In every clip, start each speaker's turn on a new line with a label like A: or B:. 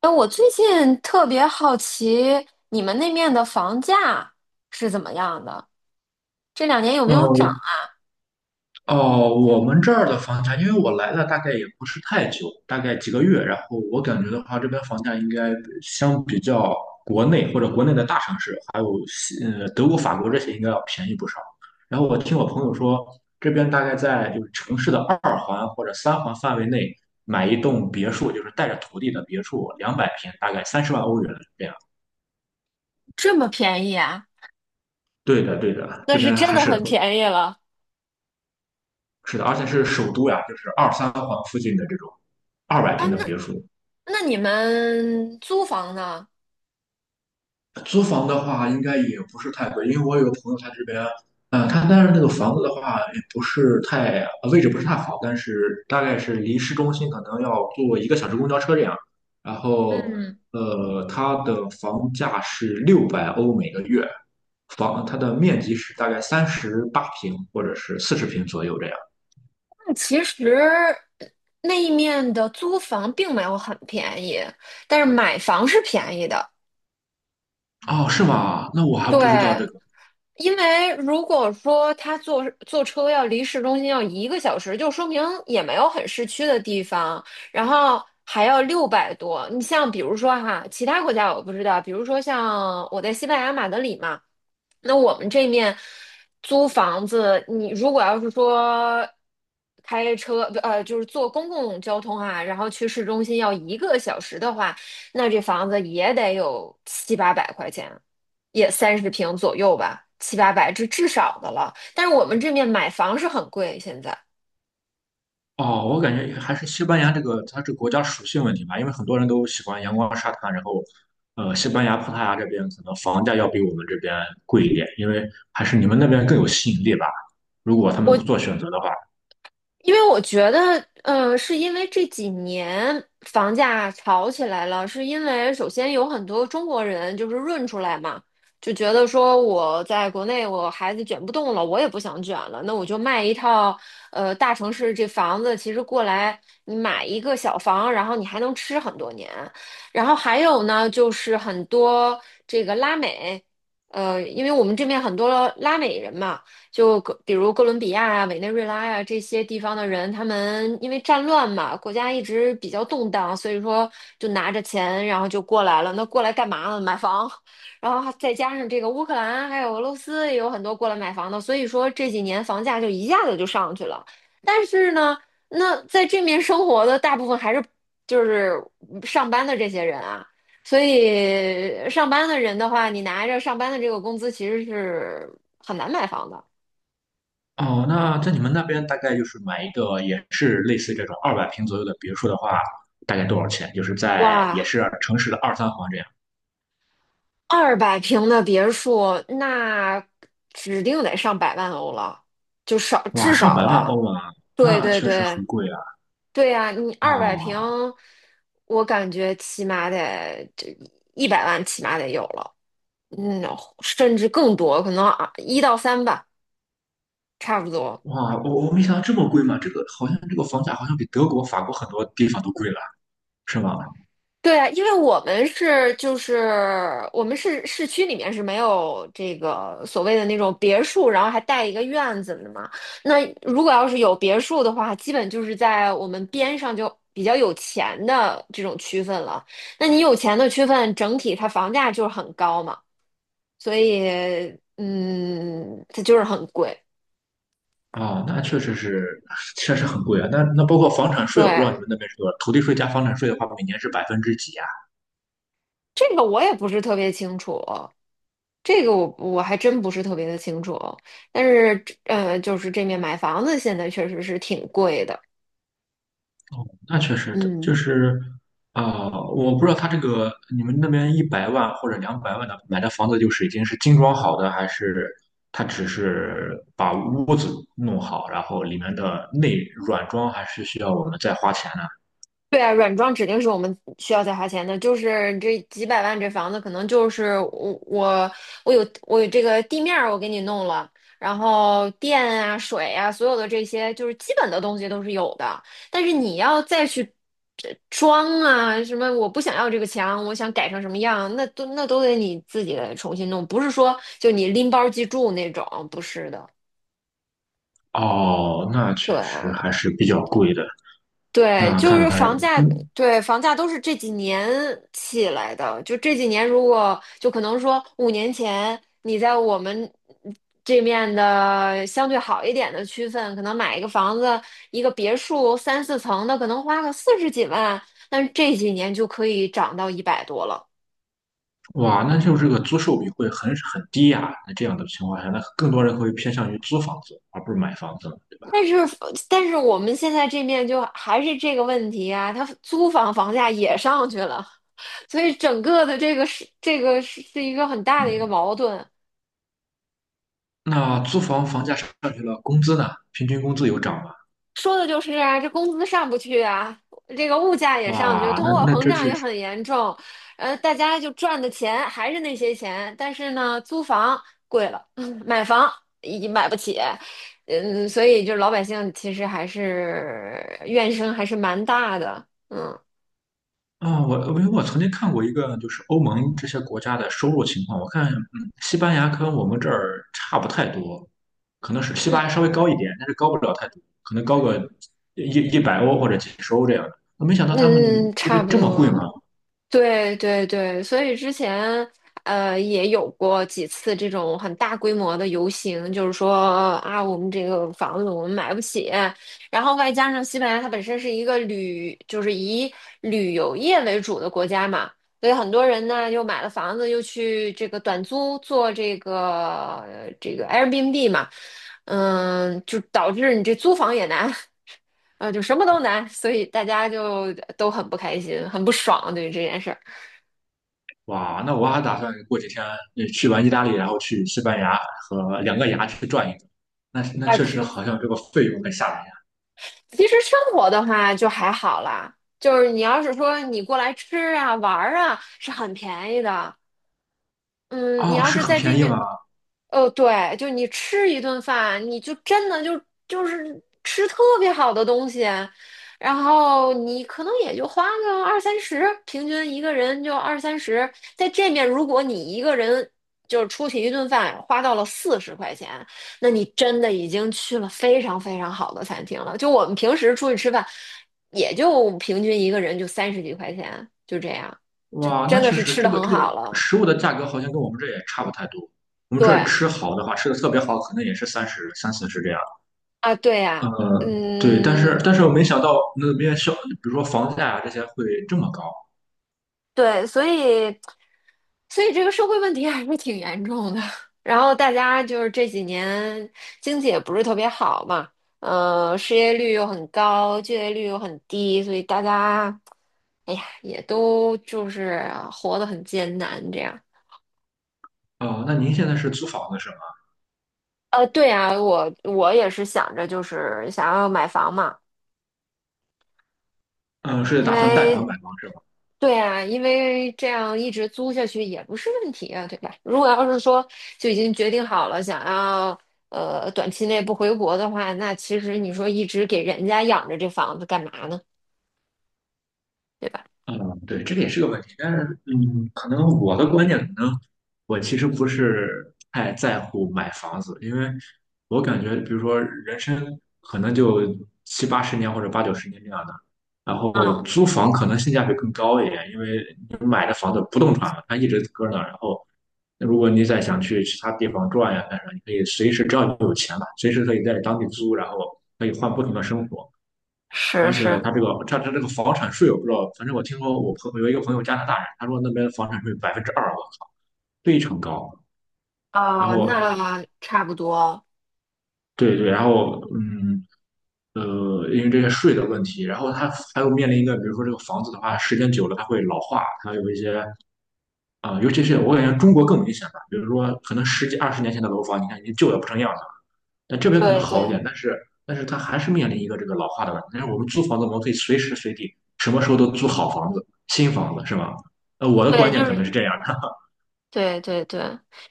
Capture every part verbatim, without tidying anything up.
A: 哎，我最近特别好奇你们那面的房价是怎么样的？这两年有没有涨
B: 呃，
A: 啊？
B: 哦，我们这儿的房价，因为我来了大概也不是太久，大概几个月，然后我感觉的话，这边房价应该相比较国内或者国内的大城市，还有西呃德国、法国这些，应该要便宜不少。然后我听我朋友说，这边大概在就是城市的二环或者三环范围内买一栋别墅，就是带着土地的别墅，两百平，大概三十万欧元这样。
A: 这么便宜啊？
B: 对的，对的，
A: 那
B: 这
A: 是
B: 边
A: 真
B: 还
A: 的
B: 是
A: 很便宜了
B: 是的，而且是首都呀，就是二三环附近的这种二百
A: 啊！
B: 平的
A: 那
B: 别墅。
A: 那你们租房呢？
B: 租房的话，应该也不是太贵，因为我有个朋友他这边，嗯、他但是那个房子的话，也不是太，呃位置不是太好，但是大概是离市中心可能要坐一个小时公交车这样。然后，
A: 嗯，
B: 呃，它的房价是六百欧每个月，房它的面积是大概三十八平或者是四十平左右这样。
A: 那其实呃那一面的租房并没有很便宜，但是买房是便宜的。
B: 哦，是吗？那我还
A: 对，
B: 不知道这个。
A: 因为如果说他坐坐车要离市中心要一个小时，就说明也没有很市区的地方，然后还要六百多。你像比如说哈，其他国家我不知道，比如说像我在西班牙马德里嘛，那我们这面租房子，你如果要是说开车，不呃，就是坐公共交通啊，然后去市中心要一个小时的话，那这房子也得有七八百块钱。也三十平左右吧，七八百，这至少的了。但是我们这面买房是很贵，现在。
B: 哦，我感觉还是西班牙这个它这个国家属性问题吧，因为很多人都喜欢阳光沙滩，然后，呃，西班牙、葡萄牙这边可能房价要比我们这边贵一点，因为还是你们那边更有吸引力吧。如果他们
A: 我。
B: 做选择的话，
A: 因为我觉得，呃，是因为这几年房价炒起来了，是因为首先有很多中国人就是润出来嘛，就觉得说我在国内我孩子卷不动了，我也不想卷了，那我就卖一套，呃，大城市这房子，其实过来你买一个小房，然后你还能吃很多年。然后还有呢，就是很多这个拉美，呃，因为我们这边很多拉美人嘛。就比如哥伦比亚啊、委内瑞拉呀、啊这些地方的人，他们因为战乱嘛，国家一直比较动荡，所以说就拿着钱，然后就过来了。那过来干嘛呢？买房，然后再加上这个乌克兰还有俄罗斯也有很多过来买房的，所以说这几年房价就一下子就上去了。但是呢，那在这面生活的大部分还是就是上班的这些人啊。所以上班的人的话，你拿着上班的这个工资，其实是很难买房的。
B: 哦，那在你们那边大概就是买一个也是类似这种二百平左右的别墅的话，大概多少钱？就是在也
A: 哇，
B: 是城市的二三环这样，
A: 二百平的别墅，那指定得上百万欧了，就少
B: 哇，
A: 至
B: 上
A: 少
B: 百万
A: 了。
B: 欧啊，
A: 对
B: 那
A: 对
B: 确实
A: 对
B: 很贵啊。
A: 对呀，你二百平，
B: 哦，
A: 我感觉起码得这一百万起码得有了，嗯，甚至更多，可能啊一到三吧，差不多。
B: 哇，我我没想到这么贵嘛！这个好像这个房价好像比德国、法国很多地方都贵了，是吗？
A: 对啊，因为我们是就是我们是市区里面是没有这个所谓的那种别墅，然后还带一个院子的嘛。那如果要是有别墅的话，基本就是在我们边上就比较有钱的这种区分了。那你有钱的区分，整体它房价就是很高嘛，所以嗯，它就是很贵。
B: 啊，那确实是，确实很贵啊。那那包括房产税，我不知道
A: 对，
B: 你们那边是多少，土地税加房产税的话，每年是百分之几啊？
A: 这个我也不是特别清楚。这个我我还真不是特别的清楚，但是呃，就是这面买房子现在确实是挺贵的，
B: 哦，那确实的，
A: 嗯。
B: 就是啊、我不知道他这个你们那边一百万或者两百万的买的房子，就是已经是精装好的，还是他只是把屋子弄好，然后里面的内软装还是需要我们再花钱的？
A: 对啊，软装指定是我们需要再花钱的，就是这几百万这房子，可能就是我我我有我有这个地面儿我给你弄了，然后电啊、水啊，所有的这些就是基本的东西都是有的，但是你要再去呃装啊什么，我不想要这个墙，我想改成什么样，那都那都得你自己重新弄，不是说就你拎包即住那种，不是的，
B: 哦，那确
A: 对
B: 实
A: 啊。
B: 还是比较贵的。
A: 对，
B: 那
A: 就
B: 看
A: 是
B: 来，
A: 房价，
B: 嗯，
A: 对，房价都是这几年起来的。就这几年，如果就可能说五年前你在我们这面的相对好一点的区份，可能买一个房子，一个别墅三四层的，可能花个四十几万，但是这几年就可以涨到一百多了。
B: 哇，那就这个租售比会很很低呀。那这样的情况下，那更多人会偏向于租房子，而不是买房子了，对吧？
A: 但是，但是我们现在这面就还是这个问题啊，它租房房价也上去了，所以整个的这个是这个是是一个很大的一个
B: 嗯，
A: 矛盾。
B: 那租房房价上去了，工资呢？平均工资有涨吗？
A: 说的就是啊，这工资上不去啊，这个物价也上去，
B: 哇，
A: 通
B: 那
A: 货
B: 那
A: 膨
B: 这
A: 胀
B: 是
A: 也很严重，呃，大家就赚的钱还是那些钱，但是呢，租房贵了，买房也买不起，嗯，所以就老百姓其实还是怨声还是蛮大的，嗯
B: 啊，我因为我曾经看过一个，就是欧盟这些国家的收入情况，我看，嗯，西班牙跟我们这儿差不太多，可能是西
A: 嗯
B: 班牙稍微高一点，但是高不了太多，可能高个一一百欧或者几十欧这样的。我没想到他们
A: 嗯，
B: 这
A: 差
B: 边
A: 不
B: 这么贵吗？
A: 多，对对对，所以之前呃也有过几次这种很大规模的游行，就是说啊，我们这个房子我们买不起，然后外加上西班牙它本身是一个旅，就是以旅游业为主的国家嘛，所以很多人呢又买了房子，又去这个短租做这个这个 Airbnb 嘛，嗯，就导致你这租房也难，呃，就什么都难，所以大家就都很不开心，很不爽对于这件事儿。
B: 哇，那我还打算过几天呃去完意大利，然后去西班牙和两个牙去转一转。那那
A: 啊，
B: 确实
A: 可
B: 好像这个费用很吓人呀。
A: 其实生活的话就还好啦，就是你要是说你过来吃啊、玩儿啊，是很便宜的。嗯，你
B: 哦，
A: 要
B: 是
A: 是
B: 很
A: 在这
B: 便宜
A: 面，
B: 吗？
A: 哦，对，就你吃一顿饭，你就真的就就是吃特别好的东西，然后你可能也就花个二三十，平均一个人就二三十。在这面，如果你一个人就是出去一顿饭花到了四十块钱，那你真的已经去了非常非常好的餐厅了。就我们平时出去吃饭，也就平均一个人就三十几块钱，就这样，就
B: 哇，那
A: 真的
B: 确
A: 是
B: 实，
A: 吃
B: 这
A: 的
B: 个
A: 很
B: 这个
A: 好了。
B: 食物的价格好像跟我们这也差不太多。我们这儿
A: 对。
B: 吃好的话，吃的特别好，可能也是三十、三四十这样。
A: 啊，对
B: 呃，
A: 呀，
B: 对，但
A: 嗯，
B: 是但是我没想到那边消，比如说房价啊这些会这么高。
A: 对，所以所以这个社会问题还是挺严重的。然后大家就是这几年经济也不是特别好嘛，呃，失业率又很高，就业率又很低，所以大家，哎呀，也都就是活得很艰难这样。
B: 哦，那您现在是租房子是吗？
A: 呃，对呀，我我也是想着就是想要买房嘛，
B: 嗯、是
A: 因
B: 打算贷款
A: 为
B: 买房是吗？
A: 对啊，因为这样一直租下去也不是问题啊，对吧？如果要是说就已经决定好了，想要呃短期内不回国的话，那其实你说一直给人家养着这房子干嘛呢？对吧？
B: 嗯，对，这个也是个问题，但是，嗯，可能我的观念，可能我其实不是太在乎买房子，因为我感觉，比如说人生可能就七八十年或者八九十年这样的，然后
A: 嗯，
B: 租房可能性价比更高一点，因为你买的房子不动产嘛，它一直搁那儿，然后如果你再想去其他地方转呀干啥，你可以随时，只要你有钱嘛，随时可以在当地租，然后可以换不同的生活。
A: 是
B: 而且
A: 是，
B: 他这个他他这个房产税，我不知道，反正我听说我朋有一个朋友加拿大人，他说那边房产税百分之二啊，非常高。然
A: 哦，
B: 后
A: 那差不多，
B: 对对，然后嗯呃，因为这些税的问题，然后他还有面临一个，比如说这个房子的话，时间久了它会老化，它有一些啊、呃尤其是我感觉中国更明显吧，比如说可能十几二十年前的楼房，你看已经旧的不成样了。那这边可能
A: 对
B: 好一
A: 对。
B: 点，但是但是它还是面临一个这个老化的问题。但是我们租房子，我们可以随时随地、什么时候都租好房子、新房子，是吧？呃，我的观
A: 对，
B: 念
A: 就
B: 可能
A: 是。
B: 是这样的。
A: 对对对，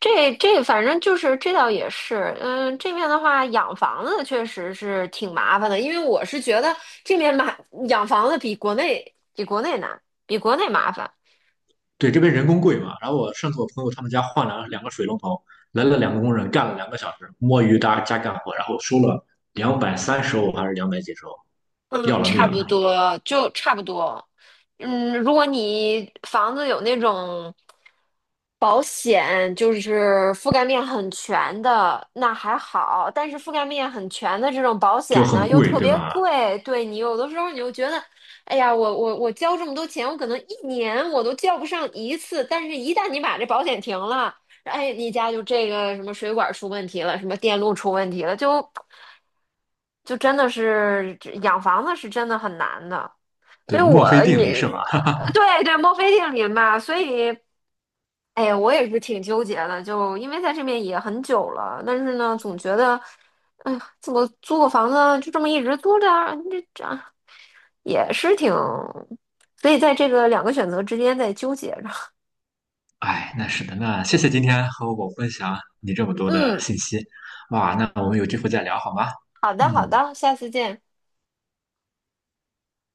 A: 这这反正就是这倒也是，嗯，这面的话养房子确实是挺麻烦的，因为我是觉得这面买养房子比国内比国内难，比国内麻烦。
B: 对，这边人工贵嘛。然后我上次我朋友他们家换了两个水龙头，来了两个工人，干了两个小时，摸鱼搭加干活，然后收了两百三十欧还是两百几十欧，要
A: 嗯，
B: 了
A: 差
B: 命
A: 不
B: 了，
A: 多，就差不多。嗯，如果你房子有那种保险，就是覆盖面很全的，那还好。但是覆盖面很全的这种保
B: 就
A: 险呢，
B: 很
A: 又
B: 贵，
A: 特
B: 对
A: 别
B: 吧？
A: 贵，对你有的时候你就觉得，哎呀，我我我交这么多钱，我可能一年我都交不上一次。但是，一旦你把这保险停了，哎，你家就这个什么水管出问题了，什么电路出问题了，就就真的是这养房子是真的很难的。所
B: 对，
A: 以
B: 墨
A: 我
B: 菲定理
A: 也
B: 是吧？
A: 对对，墨菲定律嘛，所以。哎呀，我也是挺纠结的，就因为在这边也很久了，但是呢，总觉得，哎呀，怎么租个房子就这么一直租着，这这啊也是挺，所以在这个两个选择之间在纠结着。
B: 哎，那是的，那谢谢今天和我分享你这么多的
A: 嗯，
B: 信息，哇，那我们有机会再聊好吗？
A: 好的，好
B: 嗯。
A: 的，下次见。